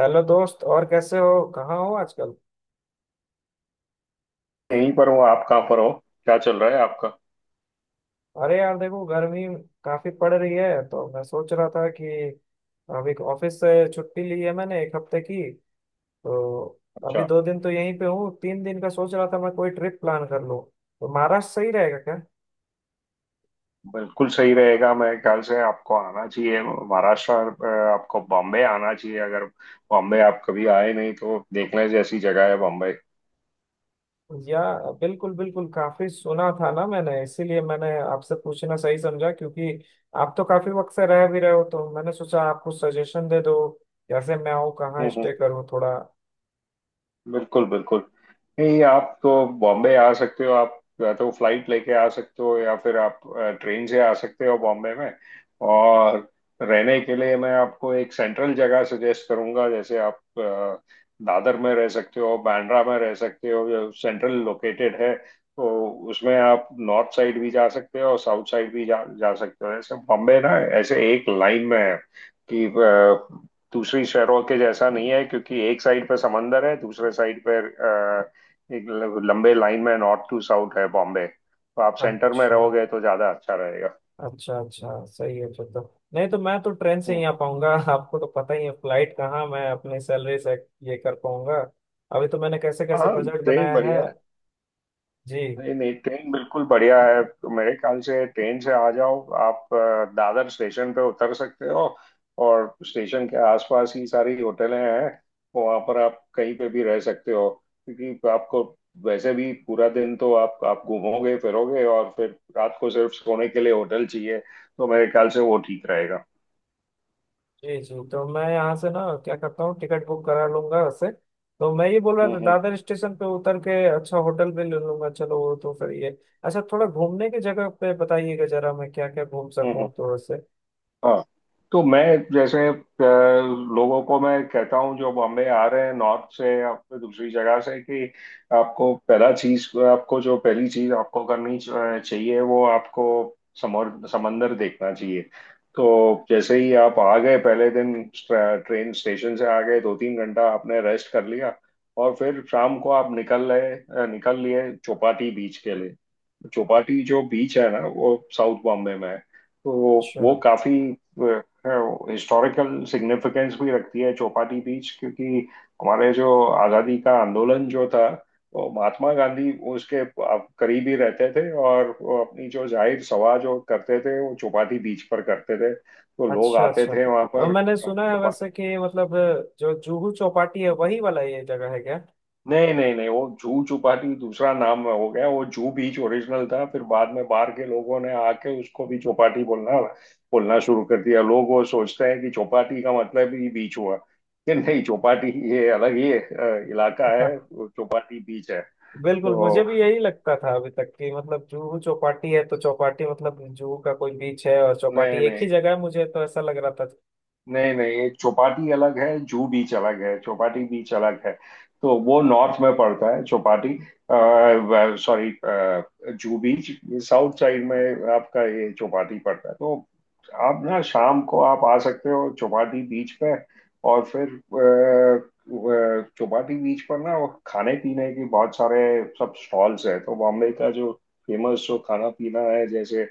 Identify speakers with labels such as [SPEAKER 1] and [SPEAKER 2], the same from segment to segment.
[SPEAKER 1] Hello दोस्त। और कैसे हो, कहाँ हो आजकल?
[SPEAKER 2] यहीं पर हूँ। आप कहाँ पर हो? क्या चल रहा है आपका?
[SPEAKER 1] अरे यार, देखो गर्मी काफी पड़ रही है, तो मैं सोच रहा था कि अभी ऑफिस से छुट्टी ली है मैंने, 1 हफ्ते की। तो अभी
[SPEAKER 2] अच्छा,
[SPEAKER 1] 2 दिन तो यहीं पे हूँ, 3 दिन का सोच रहा था मैं कोई ट्रिप प्लान कर लूँ। तो महाराष्ट्र सही रहेगा क्या?
[SPEAKER 2] बिल्कुल सही रहेगा। मेरे ख्याल से आपको आना चाहिए महाराष्ट्र। आपको बॉम्बे आना चाहिए। अगर बॉम्बे आप कभी आए नहीं, तो देखने जैसी जगह है बॉम्बे।
[SPEAKER 1] या बिल्कुल बिल्कुल, काफी सुना था ना मैंने, इसीलिए मैंने आपसे पूछना सही समझा। क्योंकि आप तो काफी वक्त से रह भी रहे हो, तो मैंने सोचा आप कुछ सजेशन दे दो कैसे मैं आऊँ, कहाँ
[SPEAKER 2] हम्म, हम्म।
[SPEAKER 1] स्टे करूँ थोड़ा।
[SPEAKER 2] बिल्कुल बिल्कुल। नहीं, आप तो बॉम्बे आ सकते हो। आप या तो फ्लाइट लेके आ सकते हो या फिर आप ट्रेन से आ सकते हो बॉम्बे में। और रहने के लिए मैं आपको एक सेंट्रल जगह सजेस्ट करूंगा, जैसे आप दादर में रह सकते हो, बांद्रा में रह सकते हो, जो सेंट्रल लोकेटेड है। तो उसमें आप नॉर्थ साइड भी जा सकते हो और साउथ साइड भी जा जा सकते हो। ऐसे बॉम्बे ना ऐसे एक लाइन में है कि अ, दूसरी शहरों के जैसा नहीं है, क्योंकि एक साइड पे समंदर है, दूसरे साइड पे एक लंबे लाइन में नॉर्थ टू साउथ है बॉम्बे। तो आप सेंटर में
[SPEAKER 1] अच्छा।
[SPEAKER 2] रहोगे तो ज्यादा अच्छा रहेगा।
[SPEAKER 1] अच्छा अच्छा, सही है फिर तो। नहीं तो मैं तो ट्रेन से ही आ
[SPEAKER 2] हम्म।
[SPEAKER 1] पाऊंगा आपको तो पता ही है, फ्लाइट कहाँ मैं अपने सैलरी से ये कर पाऊंगा। अभी तो मैंने कैसे कैसे
[SPEAKER 2] हाँ,
[SPEAKER 1] बजट
[SPEAKER 2] ट्रेन
[SPEAKER 1] बनाया है।
[SPEAKER 2] बढ़िया।
[SPEAKER 1] जी।
[SPEAKER 2] नहीं नहीं, ट्रेन बिल्कुल बढ़िया है। तो मेरे ख्याल से ट्रेन से आ जाओ आप। दादर स्टेशन पे उतर सकते हो और स्टेशन के आसपास ही सारी होटलें हैं। वहाँ पर आप कहीं पे भी रह सकते हो, क्योंकि आपको वैसे भी पूरा दिन तो आप घूमोगे फिरोगे, और फिर रात को सिर्फ सोने के लिए होटल चाहिए। तो मेरे ख्याल से वो ठीक रहेगा।
[SPEAKER 1] जी जी, तो मैं यहाँ से ना क्या करता हूँ, टिकट बुक करा लूंगा उससे। तो मैं ये बोल रहा
[SPEAKER 2] हम्म
[SPEAKER 1] था
[SPEAKER 2] हम्म
[SPEAKER 1] दादर स्टेशन पे उतर के अच्छा होटल भी ले लूंगा, चलो वो तो फिर ये। अच्छा, थोड़ा घूमने की जगह पे बताइएगा जरा, मैं क्या क्या घूम
[SPEAKER 2] हम्म हम्म।
[SPEAKER 1] सकूँ थोड़ा से।
[SPEAKER 2] हाँ, तो मैं जैसे, लोगों को मैं कहता हूँ जो बॉम्बे आ रहे हैं नॉर्थ से या फिर दूसरी जगह से, कि आपको पहला चीज, आपको जो पहली चीज आपको करनी चाहिए, वो आपको समर समंदर देखना चाहिए। तो जैसे ही आप आ गए पहले दिन, ट्रेन स्टेशन से आ गए, दो तीन घंटा आपने रेस्ट कर लिया और फिर शाम को आप निकल लिए चौपाटी बीच के लिए। चौपाटी जो बीच है ना, वो साउथ बॉम्बे में है। तो
[SPEAKER 1] अच्छा
[SPEAKER 2] वो काफी हिस्टोरिकल सिग्निफिकेंस भी रखती है चौपाटी बीच, क्योंकि हमारे जो आज़ादी का आंदोलन जो था, वो महात्मा गांधी उसके करीब ही रहते थे, और वो अपनी जो जाहिर सभा जो करते थे वो चौपाटी बीच पर करते थे, तो लोग
[SPEAKER 1] अच्छा।
[SPEAKER 2] आते
[SPEAKER 1] अच्छा,
[SPEAKER 2] थे वहां
[SPEAKER 1] तो
[SPEAKER 2] पर।
[SPEAKER 1] मैंने सुना है वैसे
[SPEAKER 2] चौपाटी
[SPEAKER 1] कि मतलब जो जूहू चौपाटी है, वही वाला ये जगह है क्या?
[SPEAKER 2] नहीं नहीं नहीं, वो जू चौपाटी दूसरा नाम हो गया। वो जू बीच ओरिजिनल था, फिर बाद में बाहर के लोगों ने आके उसको भी चौपाटी बोलना बोलना शुरू कर दिया। लोग वो सोचते हैं कि चौपाटी का मतलब ही बीच हुआ, कि नहीं, चौपाटी ये अलग ही इलाका है,
[SPEAKER 1] हाँ,
[SPEAKER 2] वो चौपाटी बीच है।
[SPEAKER 1] बिल्कुल। मुझे
[SPEAKER 2] तो
[SPEAKER 1] भी यही लगता था अभी तक कि मतलब जुहू चौपाटी है, तो चौपाटी मतलब जुहू का कोई बीच है, और
[SPEAKER 2] नहीं
[SPEAKER 1] चौपाटी एक ही
[SPEAKER 2] नहीं,
[SPEAKER 1] जगह है, मुझे तो ऐसा लग रहा था।
[SPEAKER 2] नहीं, एक चौपाटी अलग है, जू बीच अलग है, चौपाटी बीच अलग है। तो वो नॉर्थ में पड़ता है Chowpatty, sorry Juhu beach, south side में आपका ये चौपाटी पड़ता है। तो आप ना शाम को आप आ सकते हो चौपाटी बीच पे, और फिर चौपाटी बीच पर ना वो खाने पीने की बहुत सारे सब स्टॉल्स हैं। तो बॉम्बे का जो फेमस जो खाना पीना है, जैसे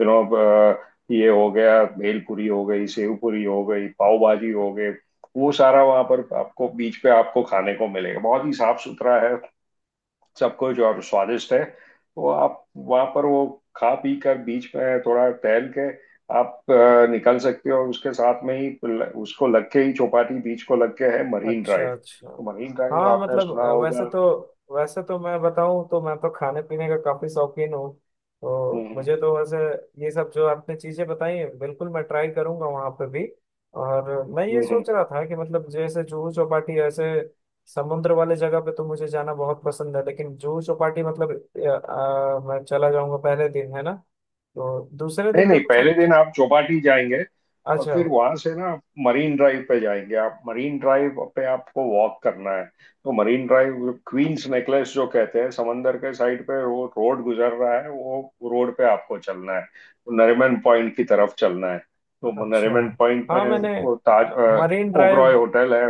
[SPEAKER 2] ये हो गया भेल पूरी हो गई, सेव पूरी हो गई, पाव भाजी हो गए, वो सारा वहां पर आपको बीच पे आपको खाने को मिलेगा। बहुत ही साफ सुथरा है सब कुछ और स्वादिष्ट है। तो आप वहां पर वो खा पी कर, बीच में थोड़ा टहल के, आप निकल सकते हो। और उसके साथ में ही उसको लग के ही, चौपाटी बीच को लग के है मरीन
[SPEAKER 1] अच्छा
[SPEAKER 2] ड्राइव।
[SPEAKER 1] अच्छा।
[SPEAKER 2] तो मरीन ड्राइव
[SPEAKER 1] हाँ,
[SPEAKER 2] आपने
[SPEAKER 1] मतलब
[SPEAKER 2] सुना
[SPEAKER 1] वैसे
[SPEAKER 2] होगा।
[SPEAKER 1] तो, वैसे तो मैं बताऊं तो मैं तो खाने पीने का काफी शौकीन हूँ। तो
[SPEAKER 2] हम्म
[SPEAKER 1] मुझे तो वैसे ये सब जो आपने चीजें बताई हैं बिल्कुल मैं ट्राई करूंगा वहां पे भी। और मैं ये
[SPEAKER 2] हम्म हम्म।
[SPEAKER 1] सोच रहा था कि मतलब जैसे जुहू चौपाटी, ऐसे समुद्र वाले जगह पे तो मुझे जाना बहुत पसंद है। लेकिन जुहू चौपाटी मतलब मैं चला जाऊंगा पहले दिन है ना, तो दूसरे
[SPEAKER 2] नहीं
[SPEAKER 1] दिन पे
[SPEAKER 2] नहीं,
[SPEAKER 1] कुछ
[SPEAKER 2] पहले
[SPEAKER 1] अच्छा।
[SPEAKER 2] दिन आप चौपाटी जाएंगे और
[SPEAKER 1] अच्छा।
[SPEAKER 2] फिर वहां से ना आप मरीन ड्राइव पे जाएंगे। आप मरीन ड्राइव पे आपको वॉक करना है। तो मरीन ड्राइव, क्वींस नेकलेस जो कहते हैं, समंदर के साइड पे वो रोड गुजर रहा है, वो रोड पे आपको चलना है। वो नरीमन पॉइंट की तरफ चलना है। तो वो
[SPEAKER 1] अच्छा
[SPEAKER 2] नरीमन पॉइंट
[SPEAKER 1] हाँ
[SPEAKER 2] में
[SPEAKER 1] मैंने,
[SPEAKER 2] वो Taj
[SPEAKER 1] Marine Drive.
[SPEAKER 2] Oberoi hotel है।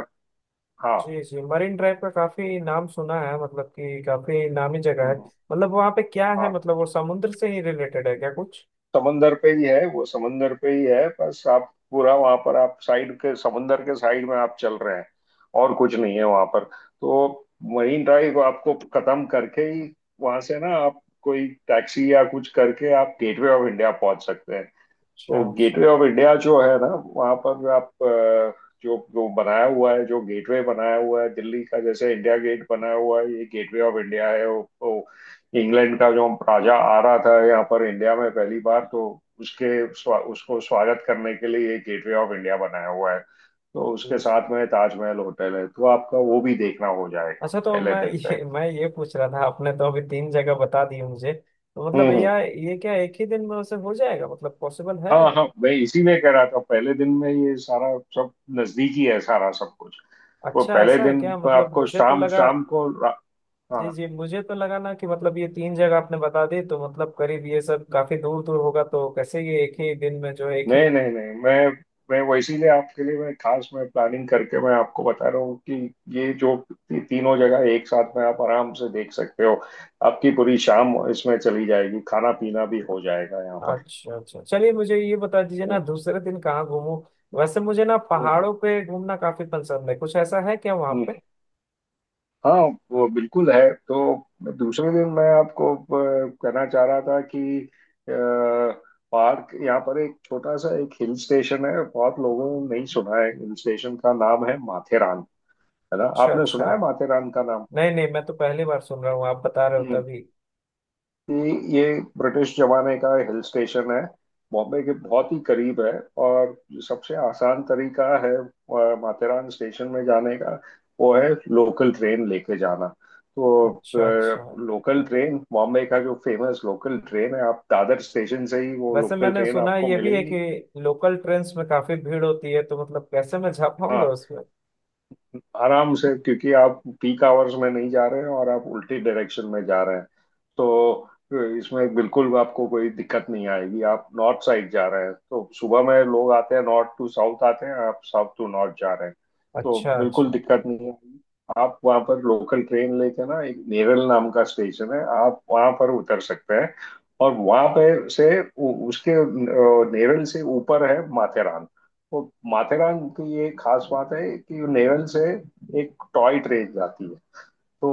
[SPEAKER 2] हाँ।
[SPEAKER 1] जी जी, मरीन ड्राइव का काफी नाम सुना है, मतलब कि काफी नामी जगह है।
[SPEAKER 2] हम्म,
[SPEAKER 1] मतलब वहाँ पे क्या है,
[SPEAKER 2] हाँ,
[SPEAKER 1] मतलब वो समुद्र से ही रिलेटेड है क्या कुछ?
[SPEAKER 2] समंदर पे ही है वो, समंदर पे ही है। बस आप पूरा वहां पर आप साइड के, समंदर के साइड में आप चल रहे हैं, और कुछ नहीं है वहां पर। तो मरीन ड्राइव आपको खत्म करके ही वहां से ना आप कोई टैक्सी या कुछ करके आप गेटवे ऑफ इंडिया पहुंच सकते हैं।
[SPEAKER 1] अच्छा
[SPEAKER 2] तो
[SPEAKER 1] अच्छा
[SPEAKER 2] गेटवे ऑफ इंडिया जो है ना, वहाँ पर आप, जो जो बनाया हुआ है, जो गेटवे बनाया हुआ है, दिल्ली का जैसे इंडिया गेट बनाया हुआ है, ये गेटवे ऑफ इंडिया है। वो इंग्लैंड का जो राजा आ रहा था यहाँ पर इंडिया में पहली बार, तो उसको स्वागत करने के लिए ये गेटवे ऑफ इंडिया बनाया हुआ है। तो उसके
[SPEAKER 1] अच्छा।
[SPEAKER 2] साथ में ताजमहल होटल है, तो आपका वो भी देखना हो जाएगा
[SPEAKER 1] अच्छा, तो
[SPEAKER 2] पहले
[SPEAKER 1] मैं
[SPEAKER 2] दिन पे।
[SPEAKER 1] ये, मैं ये पूछ रहा था, आपने तो अभी 3 जगह बता दी मुझे। तो
[SPEAKER 2] हम्म
[SPEAKER 1] मतलब
[SPEAKER 2] हम्म।
[SPEAKER 1] या ये क्या एक ही दिन में उसे हो जाएगा, मतलब पॉसिबल है?
[SPEAKER 2] हाँ हाँ, मैं इसीलिए कह रहा था पहले दिन में ये सारा सब नजदीक ही है सारा सब कुछ। वो
[SPEAKER 1] अच्छा,
[SPEAKER 2] पहले
[SPEAKER 1] ऐसा है
[SPEAKER 2] दिन
[SPEAKER 1] क्या?
[SPEAKER 2] को
[SPEAKER 1] मतलब
[SPEAKER 2] आपको
[SPEAKER 1] मुझे तो
[SPEAKER 2] शाम,
[SPEAKER 1] लगा।
[SPEAKER 2] शाम को
[SPEAKER 1] जी
[SPEAKER 2] हाँ।
[SPEAKER 1] जी, मुझे तो लगा ना कि मतलब ये 3 जगह आपने बता दी, तो मतलब करीब ये सब काफी दूर दूर होगा, तो कैसे ये एक ही दिन में जो है, एक ही।
[SPEAKER 2] नहीं नहीं, मैं वो इसीलिए आपके लिए मैं खास मैं प्लानिंग करके मैं आपको बता रहा हूँ कि ये जो तीनों जगह एक साथ में आप आराम से देख सकते हो। आपकी पूरी शाम इसमें चली जाएगी, खाना पीना भी हो जाएगा यहाँ पर।
[SPEAKER 1] अच्छा अच्छा, चलिए मुझे ये बता दीजिए ना,
[SPEAKER 2] हम्म
[SPEAKER 1] दूसरे दिन कहाँ घूमूं? वैसे मुझे ना
[SPEAKER 2] हम्म हम्म,
[SPEAKER 1] पहाड़ों पे घूमना काफी पसंद है। कुछ ऐसा है क्या वहाँ पे?
[SPEAKER 2] हम्म। हाँ, वो बिल्कुल है। तो दूसरे दिन मैं आपको, कहना चाह रहा था कि अ, पार्क, यहाँ पर एक छोटा सा एक हिल स्टेशन है, बहुत लोगों ने नहीं सुना है। हिल स्टेशन का नाम है माथेरान, है ना?
[SPEAKER 1] अच्छा
[SPEAKER 2] आपने
[SPEAKER 1] अच्छा।
[SPEAKER 2] सुना है माथेरान का
[SPEAKER 1] नहीं नहीं, मैं तो पहली बार सुन रहा हूँ, आप बता रहे हो
[SPEAKER 2] नाम?
[SPEAKER 1] तभी।
[SPEAKER 2] कि ये ब्रिटिश जमाने का हिल स्टेशन है। बॉम्बे के बहुत ही करीब है। और जो सबसे आसान तरीका है माथेरान स्टेशन में जाने का, वो है लोकल ट्रेन लेके जाना। तो
[SPEAKER 1] अच्छा अच्छा।
[SPEAKER 2] लोकल ट्रेन, बॉम्बे का जो फेमस लोकल ट्रेन है, आप दादर स्टेशन से ही वो
[SPEAKER 1] वैसे
[SPEAKER 2] लोकल
[SPEAKER 1] मैंने
[SPEAKER 2] ट्रेन
[SPEAKER 1] सुना
[SPEAKER 2] आपको
[SPEAKER 1] ये भी है
[SPEAKER 2] मिलेगी।
[SPEAKER 1] कि लोकल ट्रेन्स में काफी भीड़ होती है, तो मतलब कैसे मैं जा पाऊंगा
[SPEAKER 2] हाँ,
[SPEAKER 1] उसमें?
[SPEAKER 2] आराम से, क्योंकि आप पीक आवर्स में नहीं जा रहे हैं और आप उल्टी डायरेक्शन में जा रहे हैं। तो इसमें बिल्कुल आपको कोई दिक्कत नहीं आएगी। आप नॉर्थ साइड जा रहे हैं, तो सुबह में लोग आते हैं नॉर्थ टू साउथ आते हैं, आप साउथ टू नॉर्थ जा रहे हैं। तो
[SPEAKER 1] अच्छा
[SPEAKER 2] बिल्कुल
[SPEAKER 1] अच्छा।
[SPEAKER 2] दिक्कत नहीं आएगी। आप वहाँ पर लोकल ट्रेन लेके ना एक नेरल नाम का स्टेशन है, आप वहाँ पर उतर सकते हैं। और वहाँ पे से उसके नेरल से ऊपर है माथेरान। वो माथेरान की ये खास बात है कि नेवल से एक टॉय ट्रेन जाती है। तो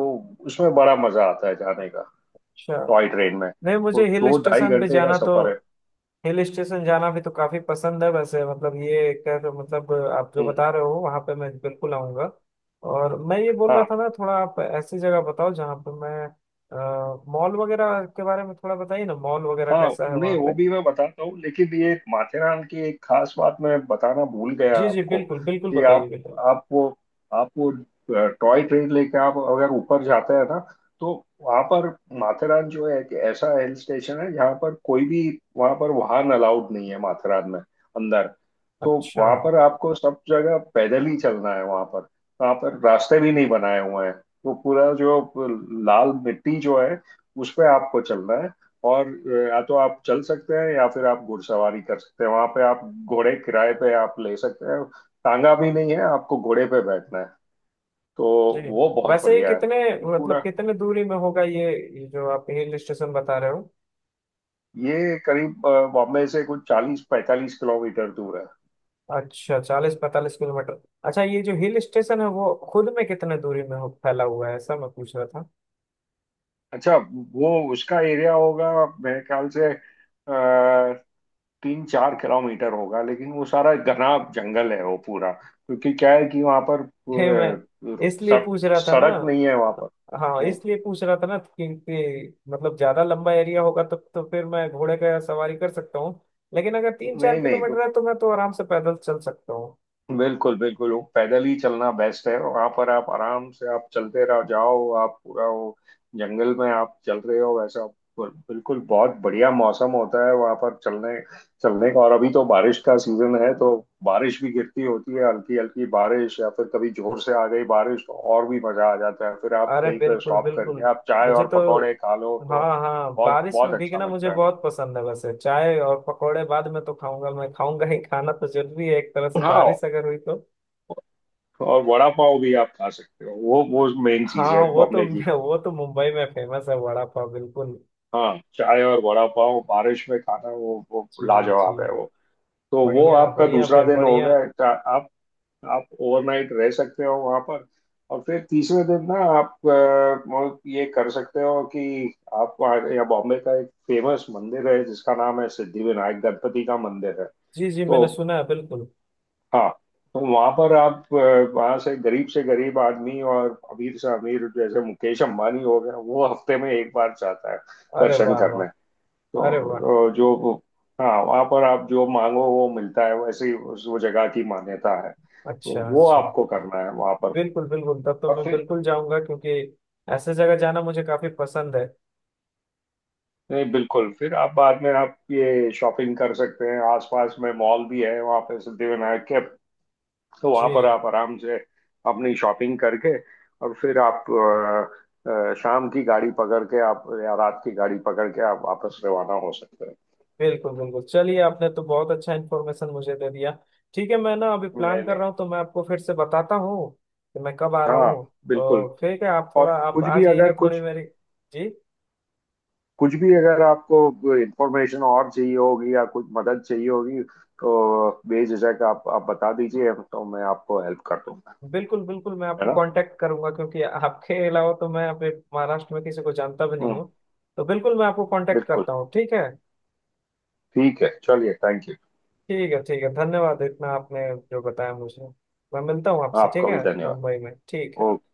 [SPEAKER 2] उसमें बड़ा मजा आता है जाने का,
[SPEAKER 1] अच्छा,
[SPEAKER 2] टॉय ट्रेन में।
[SPEAKER 1] नहीं
[SPEAKER 2] वो
[SPEAKER 1] मुझे हिल
[SPEAKER 2] दो ढाई
[SPEAKER 1] स्टेशन पे
[SPEAKER 2] घंटे का
[SPEAKER 1] जाना तो,
[SPEAKER 2] सफर है।
[SPEAKER 1] हिल स्टेशन जाना भी तो काफी पसंद है वैसे। मतलब ये एक तरह से, मतलब आप जो
[SPEAKER 2] हम्म।
[SPEAKER 1] बता रहे हो वहां पे मैं बिल्कुल आऊंगा। और मैं ये बोल रहा
[SPEAKER 2] हाँ
[SPEAKER 1] था ना, थोड़ा आप ऐसी जगह बताओ जहाँ पे मैं, मॉल वगैरह के बारे में थोड़ा बताइए ना। मॉल वगैरह
[SPEAKER 2] हाँ,
[SPEAKER 1] कैसा है
[SPEAKER 2] उन्हें
[SPEAKER 1] वहाँ पे?
[SPEAKER 2] वो भी मैं बताता हूँ, लेकिन ये एक माथेरान की एक खास बात मैं बताना भूल गया
[SPEAKER 1] जी जी,
[SPEAKER 2] आपको,
[SPEAKER 1] बिल्कुल बिल्कुल,
[SPEAKER 2] कि
[SPEAKER 1] बताइए
[SPEAKER 2] आप,
[SPEAKER 1] बिल्कुल।
[SPEAKER 2] आप वो आप वो टॉय ट्रेन लेके आप अगर ऊपर जाते हैं ना, तो वहाँ पर माथेरान जो है, एक ऐसा हिल स्टेशन है, जहाँ पर कोई भी वहाँ पर वाहन अलाउड नहीं है, माथेरान में अंदर। तो
[SPEAKER 1] अच्छा।
[SPEAKER 2] वहाँ पर आपको सब जगह पैदल ही चलना है। वहाँ पर, वहाँ पर रास्ते भी नहीं बनाए हुए हैं, तो पूरा जो लाल मिट्टी जो है, उस पे आपको चलना है। और या तो आप चल सकते हैं या फिर आप घुड़सवारी कर सकते हैं, वहां पे आप घोड़े किराए पे आप ले सकते हैं। टांगा भी नहीं है, आपको घोड़े पे बैठना है। तो
[SPEAKER 1] जी,
[SPEAKER 2] वो बहुत
[SPEAKER 1] वैसे ये
[SPEAKER 2] बढ़िया है।
[SPEAKER 1] कितने, मतलब
[SPEAKER 2] पूरा
[SPEAKER 1] कितने दूरी में होगा ये जो आप हिल स्टेशन बता रहे हो?
[SPEAKER 2] ये करीब बॉम्बे से कुछ 40-45 किलोमीटर दूर है।
[SPEAKER 1] अच्छा, 40 45 किलोमीटर। अच्छा, ये जो हिल स्टेशन है वो खुद में कितने दूरी में हो- फैला हुआ है, ऐसा मैं पूछ रहा था।
[SPEAKER 2] अच्छा, वो उसका एरिया होगा मेरे ख्याल से आ, 3-4 किलोमीटर होगा, लेकिन वो सारा घना जंगल है वो पूरा, क्योंकि क्या है कि वहां पर
[SPEAKER 1] है, मैं
[SPEAKER 2] अ,
[SPEAKER 1] इसलिए
[SPEAKER 2] सड़-
[SPEAKER 1] पूछ रहा था ना।
[SPEAKER 2] सड़क नहीं है वहां पर।
[SPEAKER 1] हाँ,
[SPEAKER 2] वो-
[SPEAKER 1] इसलिए पूछ रहा था ना क्योंकि मतलब ज्यादा लंबा एरिया होगा तब तो, फिर मैं घोड़े का सवारी कर सकता हूँ। लेकिन अगर तीन चार
[SPEAKER 2] नहीं नहीं,
[SPEAKER 1] किलोमीटर है तो मैं तो आराम से पैदल चल सकता हूँ।
[SPEAKER 2] बिल्कुल बिल्कुल वो पैदल ही चलना बेस्ट है। वहां पर आप आराम से आप चलते रहो, जाओ, आप पूरा वो जंगल में आप चल रहे हो वैसा। बिल्कुल बिल्कुल, बहुत बढ़िया मौसम होता है वहां पर चलने चलने का। और अभी तो बारिश का सीजन है, तो बारिश भी गिरती होती है, हल्की हल्की बारिश, या फिर कभी जोर से आ गई बारिश तो और भी मजा आ जाता है। फिर आप
[SPEAKER 1] अरे
[SPEAKER 2] कहीं पर
[SPEAKER 1] बिल्कुल
[SPEAKER 2] स्टॉप
[SPEAKER 1] बिल्कुल,
[SPEAKER 2] करके आप चाय
[SPEAKER 1] मुझे
[SPEAKER 2] और
[SPEAKER 1] तो,
[SPEAKER 2] पकौड़े खा लो,
[SPEAKER 1] हाँ
[SPEAKER 2] तो
[SPEAKER 1] हाँ,
[SPEAKER 2] बहुत
[SPEAKER 1] बारिश
[SPEAKER 2] बहुत
[SPEAKER 1] में
[SPEAKER 2] अच्छा
[SPEAKER 1] भीगना मुझे
[SPEAKER 2] लगता है।
[SPEAKER 1] बहुत पसंद है वैसे। चाय और पकौड़े बाद में तो खाऊंगा, मैं खाऊंगा ही, खाना तो जरूरी है एक तरह से
[SPEAKER 2] हाँ,
[SPEAKER 1] बारिश अगर हुई तो।
[SPEAKER 2] और वड़ा पाव भी आप खा सकते हो, वो मेन चीज
[SPEAKER 1] हाँ
[SPEAKER 2] है
[SPEAKER 1] वो तो,
[SPEAKER 2] बॉम्बे की।
[SPEAKER 1] वो तो मुंबई में फेमस है वड़ा पाव, बिल्कुल।
[SPEAKER 2] हाँ, चाय और वड़ा पाव बारिश में खाना, वो
[SPEAKER 1] जी। जी।
[SPEAKER 2] लाजवाब है वो। तो वो
[SPEAKER 1] बढ़िया
[SPEAKER 2] आपका
[SPEAKER 1] बढ़िया,
[SPEAKER 2] दूसरा
[SPEAKER 1] फिर
[SPEAKER 2] दिन हो
[SPEAKER 1] बढ़िया।
[SPEAKER 2] गया। आप ओवरनाइट रह सकते हो वहां पर। और फिर तीसरे दिन ना आप, वो ये कर सकते हो कि या बॉम्बे का एक फेमस मंदिर है जिसका नाम है सिद्धि विनायक गणपति का मंदिर है।
[SPEAKER 1] जी जी,
[SPEAKER 2] तो
[SPEAKER 1] मैंने सुना है बिल्कुल।
[SPEAKER 2] हाँ, तो वहां पर आप, वहां से गरीब आदमी और अमीर से अमीर, जैसे मुकेश अंबानी हो गया, वो हफ्ते में एक बार जाता है
[SPEAKER 1] अरे
[SPEAKER 2] दर्शन
[SPEAKER 1] वाह
[SPEAKER 2] करने।
[SPEAKER 1] वाह। अरे वाह।
[SPEAKER 2] तो हाँ, वहां पर आप जो मांगो वो मिलता है, वैसे ही उस, वो जगह की मान्यता है। तो
[SPEAKER 1] अच्छा
[SPEAKER 2] वो
[SPEAKER 1] अच्छा,
[SPEAKER 2] आपको करना है वहां पर।
[SPEAKER 1] बिल्कुल बिल्कुल, तब तो
[SPEAKER 2] और
[SPEAKER 1] मैं
[SPEAKER 2] फिर
[SPEAKER 1] बिल्कुल जाऊंगा, क्योंकि ऐसे जगह जाना मुझे काफी पसंद है।
[SPEAKER 2] नहीं, बिल्कुल, फिर आप बाद में आप ये शॉपिंग कर सकते हैं, आसपास में मॉल भी है वहां पे सिद्धिविनायक के। तो
[SPEAKER 1] जी।
[SPEAKER 2] वहां पर आप आराम से अपनी शॉपिंग करके, और फिर आप शाम की गाड़ी पकड़ के आप, या रात की गाड़ी पकड़ के आप वापस रवाना हो सकते हैं।
[SPEAKER 1] बिल्कुल बिल्कुल, चलिए आपने तो बहुत अच्छा इन्फॉर्मेशन मुझे दे दिया। ठीक है, मैं ना अभी
[SPEAKER 2] नहीं
[SPEAKER 1] प्लान कर
[SPEAKER 2] नहीं।
[SPEAKER 1] रहा हूँ, तो मैं आपको फिर से बताता हूँ कि मैं कब आ रहा
[SPEAKER 2] हाँ,
[SPEAKER 1] हूँ। तो
[SPEAKER 2] बिल्कुल।
[SPEAKER 1] ठीक है, आप थोड़ा
[SPEAKER 2] और
[SPEAKER 1] आप
[SPEAKER 2] कुछ
[SPEAKER 1] आ
[SPEAKER 2] भी
[SPEAKER 1] जाइएगा
[SPEAKER 2] अगर
[SPEAKER 1] थोड़ी
[SPEAKER 2] कुछ,
[SPEAKER 1] मेरी। जी।
[SPEAKER 2] कुछ भी अगर आपको इंफॉर्मेशन और चाहिए होगी या कुछ मदद चाहिए होगी, तो बेझिझक आप बता दीजिए, तो मैं आपको हेल्प कर दूंगा।
[SPEAKER 1] बिल्कुल बिल्कुल, मैं
[SPEAKER 2] है
[SPEAKER 1] आपको
[SPEAKER 2] ना?
[SPEAKER 1] कांटेक्ट करूंगा, क्योंकि आपके अलावा तो मैं अपने महाराष्ट्र में किसी को जानता भी नहीं
[SPEAKER 2] हम्म।
[SPEAKER 1] हूँ। तो बिल्कुल मैं आपको कांटेक्ट
[SPEAKER 2] बिल्कुल।
[SPEAKER 1] करता हूँ, ठीक है।
[SPEAKER 2] ठीक है, चलिए, थैंक यू।
[SPEAKER 1] ठीक है ठीक है, धन्यवाद इतना आपने जो बताया मुझे। मैं मिलता हूँ आपसे, ठीक
[SPEAKER 2] आपका भी
[SPEAKER 1] है,
[SPEAKER 2] धन्यवाद।
[SPEAKER 1] मुंबई में, ठीक है।
[SPEAKER 2] ओके।